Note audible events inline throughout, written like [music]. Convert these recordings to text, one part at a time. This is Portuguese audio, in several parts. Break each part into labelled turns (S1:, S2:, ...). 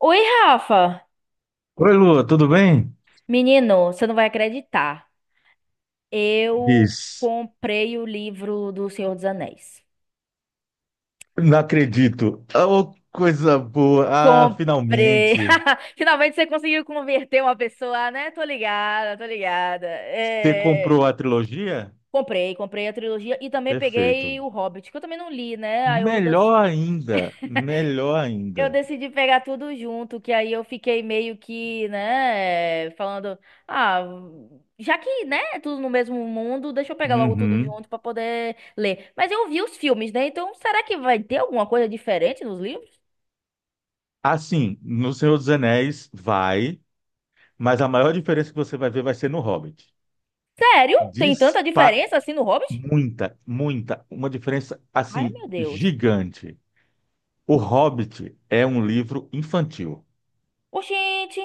S1: Oi, Rafa!
S2: Oi, Lua, tudo bem?
S1: Menino, você não vai acreditar. Eu
S2: Diz,
S1: comprei o livro do Senhor dos Anéis.
S2: não acredito. Oh, coisa boa. Ah,
S1: Comprei!
S2: finalmente.
S1: [laughs] Finalmente você conseguiu converter uma pessoa, né? Tô ligada, tô ligada.
S2: Você comprou a trilogia?
S1: Comprei a trilogia e também peguei
S2: Perfeito.
S1: o Hobbit, que eu também não li, né? Aí eu
S2: Melhor ainda, melhor
S1: Eu
S2: ainda.
S1: decidi pegar tudo junto, que aí eu fiquei meio que, né, falando, ah, já que, né, é tudo no mesmo mundo, deixa eu pegar logo tudo
S2: Uhum.
S1: junto pra poder ler. Mas eu vi os filmes, né? Então, será que vai ter alguma coisa diferente nos livros?
S2: Assim, no Senhor dos Anéis vai, mas a maior diferença que você vai ver vai ser no Hobbit.
S1: Sério? Tem tanta
S2: Dispa
S1: diferença assim no Hobbit?
S2: Muita, muita, uma diferença
S1: Ai,
S2: assim
S1: meu Deus.
S2: gigante. O Hobbit é um livro infantil.
S1: Oxente.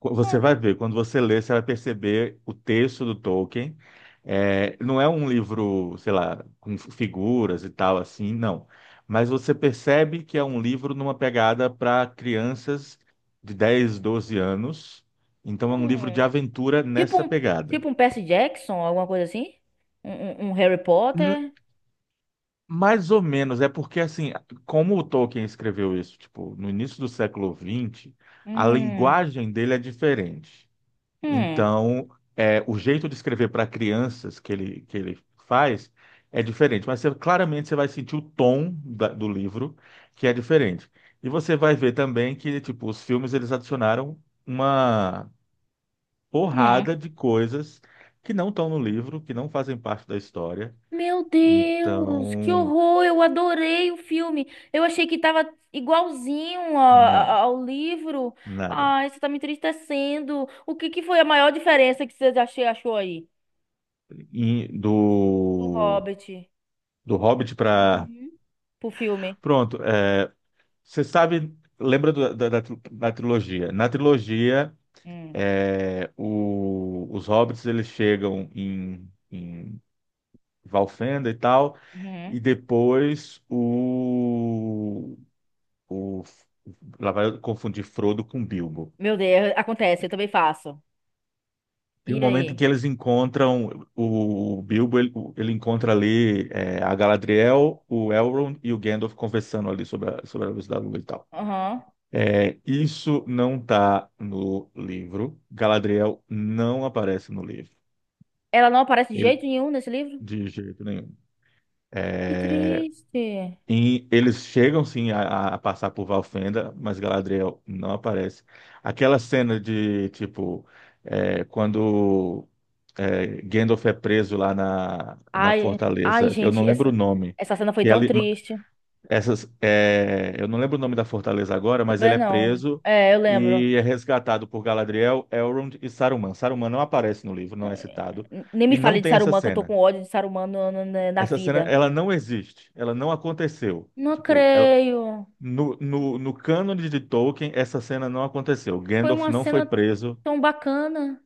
S2: Você
S1: Hum,
S2: vai ver, quando você lê, você vai perceber o texto do Tolkien. É, não é um livro, sei lá, com figuras e tal assim, não. Mas você percebe que é um livro numa pegada para crianças de 10, 12 anos. Então é um livro de
S1: hum.
S2: aventura
S1: Tipo
S2: nessa
S1: um,
S2: pegada.
S1: tipo um Percy Jackson, alguma coisa assim? Um, um Harry
S2: N-
S1: Potter?
S2: Mais ou menos, é porque assim, como o Tolkien escreveu isso, tipo, no início do século XX, a
S1: Hum,
S2: linguagem dele é diferente.
S1: hum,
S2: Então, o jeito de escrever para crianças que ele faz é diferente, mas claramente você vai sentir o tom do livro que é diferente. E você vai ver também que tipo, os filmes eles adicionaram uma
S1: hum.
S2: porrada de coisas que não estão no livro, que não fazem parte da história.
S1: Meu Deus, que
S2: Então,
S1: horror! Eu adorei o filme. Eu achei que tava igualzinho a- a-
S2: não,
S1: ao livro.
S2: nada.
S1: Ai, você tá me entristecendo. O que que foi a maior diferença que você achou aí
S2: E
S1: do
S2: do,
S1: Hobbit.
S2: do Hobbit para.
S1: Uhum. Pro filme?
S2: Pronto, você sabe, lembra da trilogia? Na trilogia,
S1: Hum,
S2: os hobbits eles chegam em Valfenda e tal, e
S1: uhum.
S2: depois o- lá vai confundir Frodo com Bilbo.
S1: Meu Deus, é, acontece, eu também faço.
S2: Tem um
S1: E
S2: momento em
S1: aí?
S2: que eles encontram o Bilbo, ele encontra ali a Galadriel, o Elrond e o Gandalf conversando ali sobre a luz da lua e tal.
S1: Aham.
S2: É, isso não está no livro. Galadriel não aparece no livro.
S1: Ela não aparece de
S2: Ele,
S1: jeito nenhum nesse livro?
S2: de jeito nenhum.
S1: Que
S2: É,
S1: triste.
S2: e eles chegam sim a passar por Valfenda, mas Galadriel não aparece. Aquela cena de tipo quando Gandalf é preso lá na
S1: Ai, ai,
S2: fortaleza, eu
S1: gente,
S2: não lembro o
S1: essa,
S2: nome,
S1: essa cena foi
S2: que
S1: tão
S2: ela,
S1: triste.
S2: Essas, é, eu não lembro o nome da fortaleza agora, mas ele
S1: Também
S2: é
S1: não.
S2: preso
S1: É, eu lembro.
S2: e é resgatado por Galadriel, Elrond e Saruman. Saruman não aparece no livro, não é citado,
S1: Nem me
S2: e
S1: fale
S2: não
S1: de
S2: tem essa
S1: Saruman, que eu tô
S2: cena.
S1: com ódio de Saruman na
S2: Essa cena,
S1: vida.
S2: ela não existe, ela não aconteceu.
S1: Não
S2: Tipo,
S1: creio.
S2: no cânone de Tolkien, essa cena não aconteceu.
S1: Foi
S2: Gandalf
S1: uma
S2: não foi
S1: cena
S2: preso,
S1: tão bacana.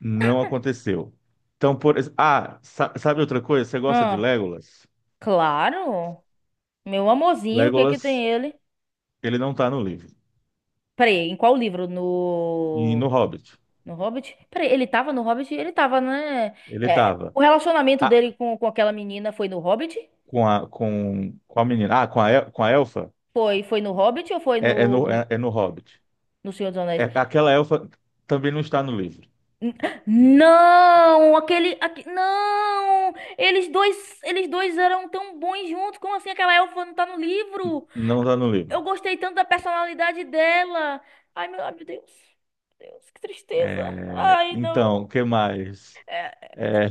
S2: não aconteceu. Então, ah, sabe outra coisa? Você gosta de
S1: Ah,
S2: Legolas?
S1: claro. Meu amorzinho, o que que
S2: Legolas,
S1: tem ele?
S2: ele não tá no livro.
S1: Peraí, em qual livro?
S2: E no
S1: No...
S2: Hobbit,
S1: No Hobbit? Peraí, ele tava no Hobbit? Ele tava, né?
S2: ele
S1: É,
S2: tava.
S1: o relacionamento
S2: Ah,
S1: dele com aquela menina foi no Hobbit?
S2: com a com qual menina? Ah, com a El- com a elfa?
S1: Foi, foi no Hobbit ou foi no,
S2: É no Hobbit.
S1: no Senhor dos
S2: É
S1: Anéis?
S2: aquela elfa também não está no livro.
S1: N- Não, aquele, aque- não, eles dois eram tão bons juntos. Como assim aquela elfa não tá no livro?
S2: Não está no
S1: Eu
S2: livro.
S1: gostei tanto da personalidade dela. Ai, meu Deus. Meu Deus, que tristeza.
S2: É,
S1: Ai,
S2: então, o
S1: não.
S2: que mais?
S1: É,
S2: É,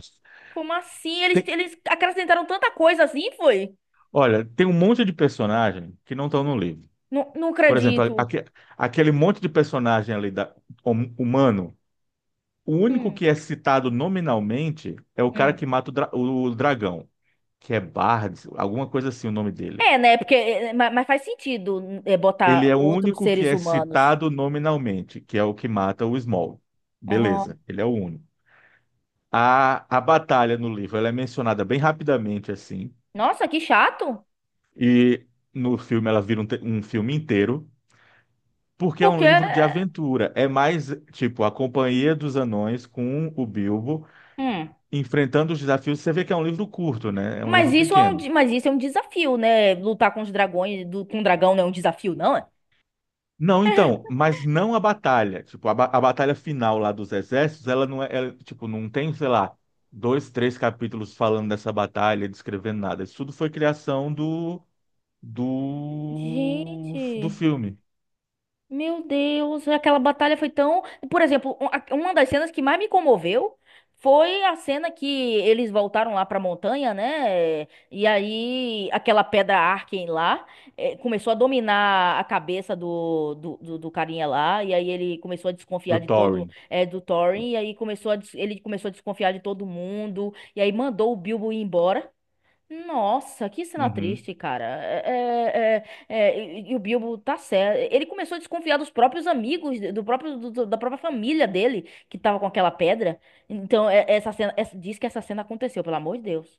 S1: como assim? Eles,
S2: tem-
S1: eles acrescentaram tanta coisa assim, foi?
S2: olha, tem um monte de personagem que não estão no livro.
S1: Não, não
S2: Por exemplo,
S1: acredito.
S2: aquele monte de personagem ali da humano, o único
S1: Hum,
S2: que é citado nominalmente é o cara
S1: hum.
S2: que mata o dragão, que é Bard, alguma coisa assim o nome dele.
S1: É, né? Porque, é, mas faz sentido é,
S2: Ele
S1: botar
S2: é o
S1: outros
S2: único que
S1: seres
S2: é
S1: humanos.
S2: citado nominalmente, que é o que mata o Small.
S1: Uhum.
S2: Beleza, ele é o único. A batalha no livro ela é mencionada bem rapidamente, assim,
S1: Nossa, que chato.
S2: e no filme ela vira um filme inteiro, porque é um
S1: Porque.
S2: livro de aventura. É mais, tipo, a companhia dos anões com o Bilbo
S1: Hum.
S2: enfrentando os desafios. Você vê que é um livro curto, né? É um
S1: Mas
S2: livro
S1: isso é
S2: pequeno.
S1: mas isso é um desafio, né? Lutar com os dragões, do, com o dragão não é um desafio, não é?
S2: Não, então, mas não a batalha. Tipo, a batalha final lá dos exércitos, ela não é, ela, tipo, não tem, sei lá, dois, três capítulos falando dessa batalha, descrevendo nada. Isso tudo foi criação do
S1: Gente.
S2: filme,
S1: Meu Deus, aquela batalha foi tão. Por exemplo, uma das cenas que mais me comoveu foi a cena que eles voltaram lá pra montanha, né? E aí aquela pedra Arken lá começou a dominar a cabeça do carinha lá. E aí ele começou a desconfiar
S2: do
S1: de todo
S2: Thorin.
S1: do Thorin. E aí começou a ele começou a desconfiar de todo mundo. E aí mandou o Bilbo ir embora. Nossa, que cena
S2: Uhum.
S1: triste, cara. E o Bilbo tá certo. Ele começou a desconfiar dos próprios amigos, do próprio, da própria família dele, que tava com aquela pedra. Então, essa cena, essa- diz que essa cena aconteceu, pelo amor de Deus.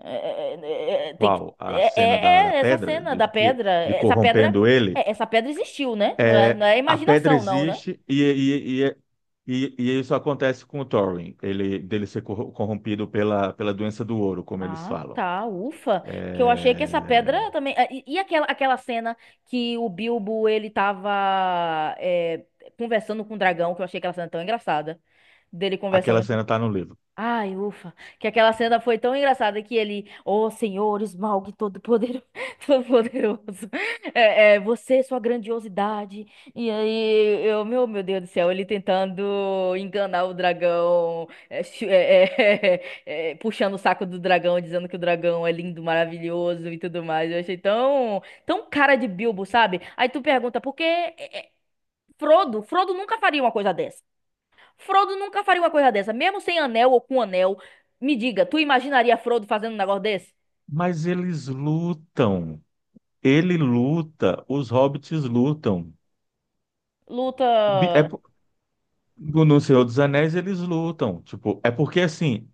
S1: É, é, é, é, tem que,
S2: Qual? A
S1: é,
S2: cena da
S1: é- é essa
S2: pedra,
S1: cena da pedra.
S2: de
S1: Essa pedra,
S2: corrompendo ele.
S1: é, essa pedra existiu, né? Não é,
S2: É,
S1: não é
S2: a pedra
S1: imaginação, não, né?
S2: existe e isso acontece com o Thorin, ele dele ser corrompido pela doença do ouro, como eles
S1: Ah,
S2: falam.
S1: tá, ufa. Que eu achei que essa pedra
S2: É,
S1: também. Ah, e aquela cena que o Bilbo ele tava conversando com o dragão, que eu achei aquela cena tão engraçada. Dele
S2: aquela
S1: conversando.
S2: cena está no livro.
S1: Ai, ufa. Que aquela cena foi tão engraçada que ele, ó Senhor, Smaug todo-poderoso, [laughs] todo-poderoso, você, sua grandiosidade. E aí, meu Deus do céu, ele tentando enganar o dragão, [laughs] puxando o saco do dragão, dizendo que o dragão é lindo, maravilhoso e tudo mais. Eu achei tão cara de Bilbo, sabe? Aí tu pergunta, por que é, é, Frodo? Frodo nunca faria uma coisa. Frodo nunca faria uma coisa dessa, mesmo sem anel ou com anel. Me diga, tu imaginaria Frodo fazendo um negócio desse?
S2: Mas eles lutam. Ele luta, os hobbits lutam. É,
S1: Luta.
S2: no Senhor dos Anéis eles lutam, tipo, é porque assim,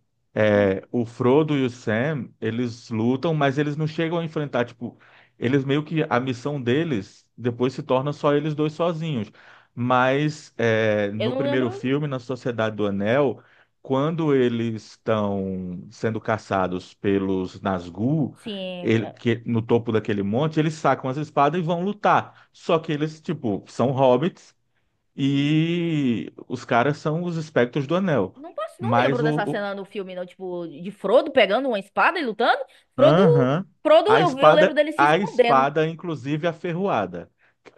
S1: Hum,
S2: é, o Frodo e o Sam, eles lutam, mas eles não chegam a enfrentar, tipo, eles meio que a missão deles depois se torna só eles dois sozinhos. Mas é,
S1: eu
S2: no
S1: não lembro.
S2: primeiro filme, na Sociedade do Anel, quando eles estão sendo caçados pelos Nazgûl,
S1: Sim.
S2: que, no topo daquele monte, eles sacam as espadas e vão lutar. Só que eles, tipo, são hobbits e os caras são os espectros do anel.
S1: Não posso, não
S2: Mas
S1: lembro
S2: o,
S1: dessa
S2: o-
S1: cena no filme, não. Tipo, de Frodo pegando uma espada e lutando. Frodo.
S2: Aham.
S1: Frodo,
S2: A
S1: eu lembro
S2: espada,
S1: dele se
S2: a
S1: escondendo.
S2: espada, inclusive aferroada,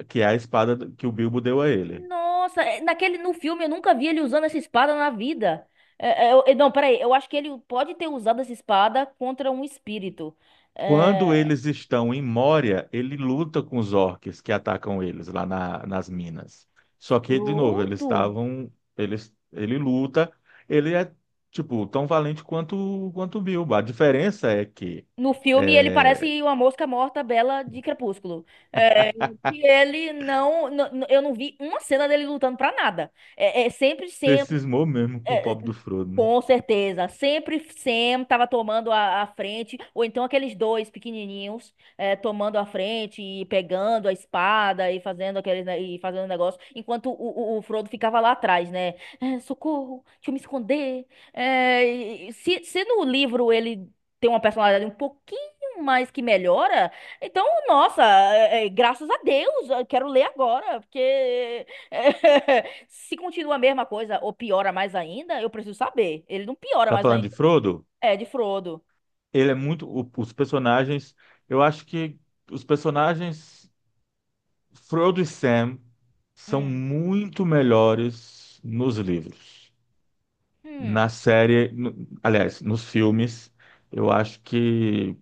S2: que é a espada que o Bilbo deu a ele.
S1: Nossa, é, naquele, no filme eu nunca vi ele usando essa espada na vida. É, é, eu- é, não, peraí, eu acho que ele pode ter usado essa espada contra um espírito.
S2: Quando
S1: É,
S2: eles estão em Moria, ele luta com os orques que atacam eles lá nas minas. Só que, de novo, eles
S1: Frodo?
S2: estavam. Ele luta, ele é, tipo, tão valente quanto o Bilbo. A diferença é que
S1: No filme, ele
S2: é,
S1: parece uma mosca morta bela de Crepúsculo. É, que ele não, eu não vi uma cena dele lutando pra nada.
S2: você cismou mesmo com o pobre do Frodo, né?
S1: Com certeza. Sempre Sam tava tomando a frente, ou então aqueles dois pequenininhos tomando a frente e pegando a espada e fazendo e fazendo negócio, enquanto o Frodo ficava lá atrás, né? Eh, socorro, deixa eu me esconder. E se no livro ele tem uma personalidade um pouquinho mais que melhora, então, nossa, graças a Deus, eu quero ler agora, porque [laughs] se continua a mesma coisa ou piora mais ainda, eu preciso saber. Ele não piora
S2: Tá
S1: mais
S2: falando de
S1: ainda.
S2: Frodo?
S1: É, de Frodo.
S2: Ele é muito. Os personagens. Eu acho que os personagens Frodo e Sam são
S1: Hum.
S2: muito melhores nos livros. Na
S1: Hum.
S2: série. Aliás, nos filmes. Eu acho que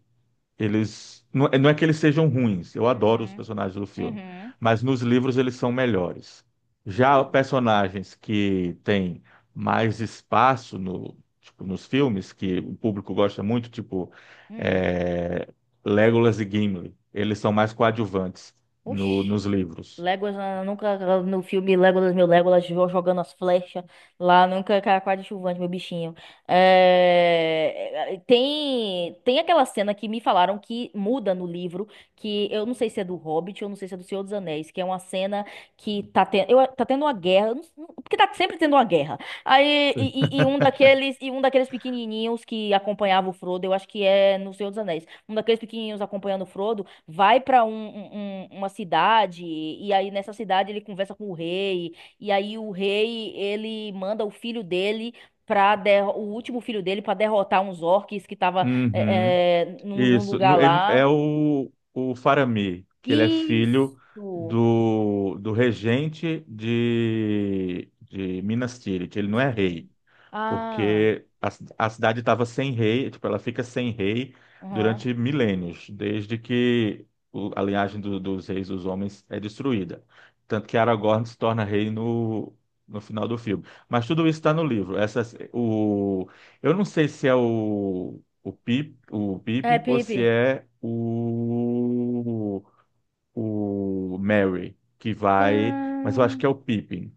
S2: Eles não, é, não é que eles sejam ruins, eu adoro os
S1: Uhum.
S2: personagens do filme,
S1: Uhum.
S2: mas nos livros eles são melhores. Já
S1: Hum.
S2: personagens que têm mais espaço no, tipo, nos filmes, que o público gosta muito, tipo
S1: Hum.
S2: é, Legolas e Gimli, eles são mais coadjuvantes
S1: Oxi.
S2: nos livros.
S1: Legolas, ah, nunca ah, no filme Legolas, meu Legolas, jogando as flechas lá, nunca cara quase chuvante, meu bichinho. Tem aquela cena que me falaram que muda no livro, que eu não sei se é do Hobbit, eu não sei se é do Senhor dos Anéis, que é uma cena que tá, ten... tá tendo uma guerra, eu porque tá sempre tendo uma guerra. Aí um
S2: [laughs]
S1: daqueles, e um daqueles pequenininhos que acompanhava o Frodo, eu acho que é no Senhor dos Anéis, um daqueles pequenininhos acompanhando o Frodo vai para uma cidade e aí nessa cidade ele conversa com o rei e aí o rei ele manda o filho dele para o último filho dele para derrotar uns orques que tava
S2: Uhum.
S1: num
S2: Isso.
S1: lugar
S2: É
S1: lá.
S2: o Faramir, que ele é filho
S1: Isso.
S2: do regente de Minas Tirith. Ele não é
S1: Sim.
S2: rei
S1: Ah.
S2: porque a cidade estava sem rei, tipo, ela fica sem rei
S1: Uhum.
S2: durante milênios, desde que a linhagem dos reis dos homens é destruída. Tanto que Aragorn se torna rei no final do filme. Mas tudo isso está no livro. Eu não sei se é o
S1: É,
S2: Pippin ou se
S1: Pipe.
S2: é o Merry que vai, mas eu acho que é o Pippin.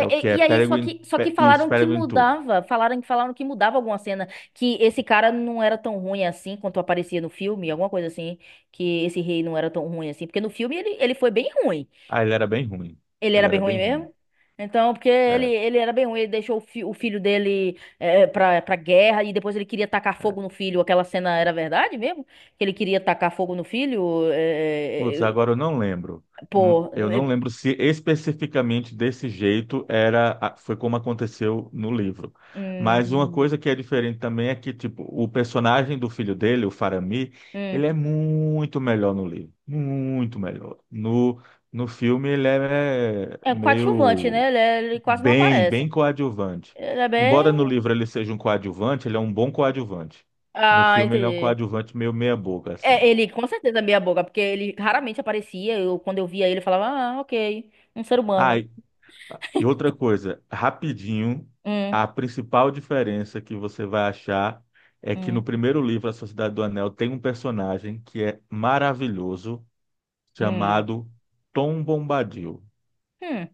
S2: É o que é Peregrine,
S1: só que
S2: Isso,
S1: falaram que
S2: Peregrine Took.
S1: mudava, falaram, falaram que mudava alguma cena, que esse cara não era tão ruim assim quanto aparecia no filme, alguma coisa assim, que esse rei não era tão ruim assim, porque no filme ele foi bem ruim,
S2: Ah, ele era bem ruim.
S1: ele
S2: Ele
S1: era bem
S2: era
S1: ruim
S2: bem ruim.
S1: mesmo, então, porque ele,
S2: É,
S1: ele era bem ruim, ele deixou o, o filho dele é, pra guerra, e depois ele queria tacar
S2: é.
S1: fogo no filho, aquela cena era verdade mesmo? Que ele queria tacar fogo no filho?
S2: Putz, agora eu não lembro.
S1: Pô,
S2: Eu não
S1: é,
S2: lembro se especificamente desse jeito era, foi como aconteceu no livro. Mas uma
S1: hum,
S2: coisa que é diferente também é que, tipo, o personagem do filho dele, o Faramir,
S1: hum.
S2: ele é muito melhor no livro. Muito melhor. No, no filme ele é
S1: É um coadjuvante,
S2: meio.
S1: né? Ele quase não
S2: Bem, bem
S1: aparece.
S2: coadjuvante.
S1: Ele é
S2: Embora no
S1: bem.
S2: livro ele seja um coadjuvante, ele é um bom coadjuvante. No
S1: Ah,
S2: filme ele é um
S1: entendi.
S2: coadjuvante meio meia boca, assim.
S1: É, ele com certeza é meia boca, porque ele raramente aparecia. Eu, quando eu via ele, eu falava, ah, ok, um ser
S2: Ah,
S1: humano.
S2: e outra coisa, rapidinho,
S1: Hum,
S2: a principal diferença que você vai achar é que no
S1: hum,
S2: primeiro livro, A Sociedade do Anel, tem um personagem que é maravilhoso,
S1: hum.
S2: chamado Tom Bombadil.
S1: Hum.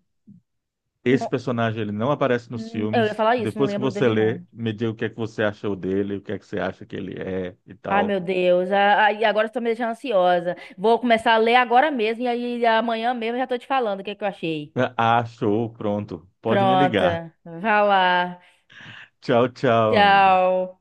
S2: Esse
S1: Não-
S2: personagem ele não aparece nos
S1: eu ia
S2: filmes.
S1: falar isso, não
S2: Depois que
S1: lembro
S2: você
S1: dele,
S2: lê,
S1: não.
S2: me diga o que é que você achou dele, o que é que você acha que ele é e
S1: Ai, meu
S2: tal.
S1: Deus. E agora você tá me deixando ansiosa. Vou começar a ler agora mesmo, e aí amanhã mesmo eu já tô te falando o que que eu achei.
S2: Ah, show, pronto. Pode me ligar.
S1: Pronta. Vá lá.
S2: Tchau, tchau, amiga.
S1: Tchau.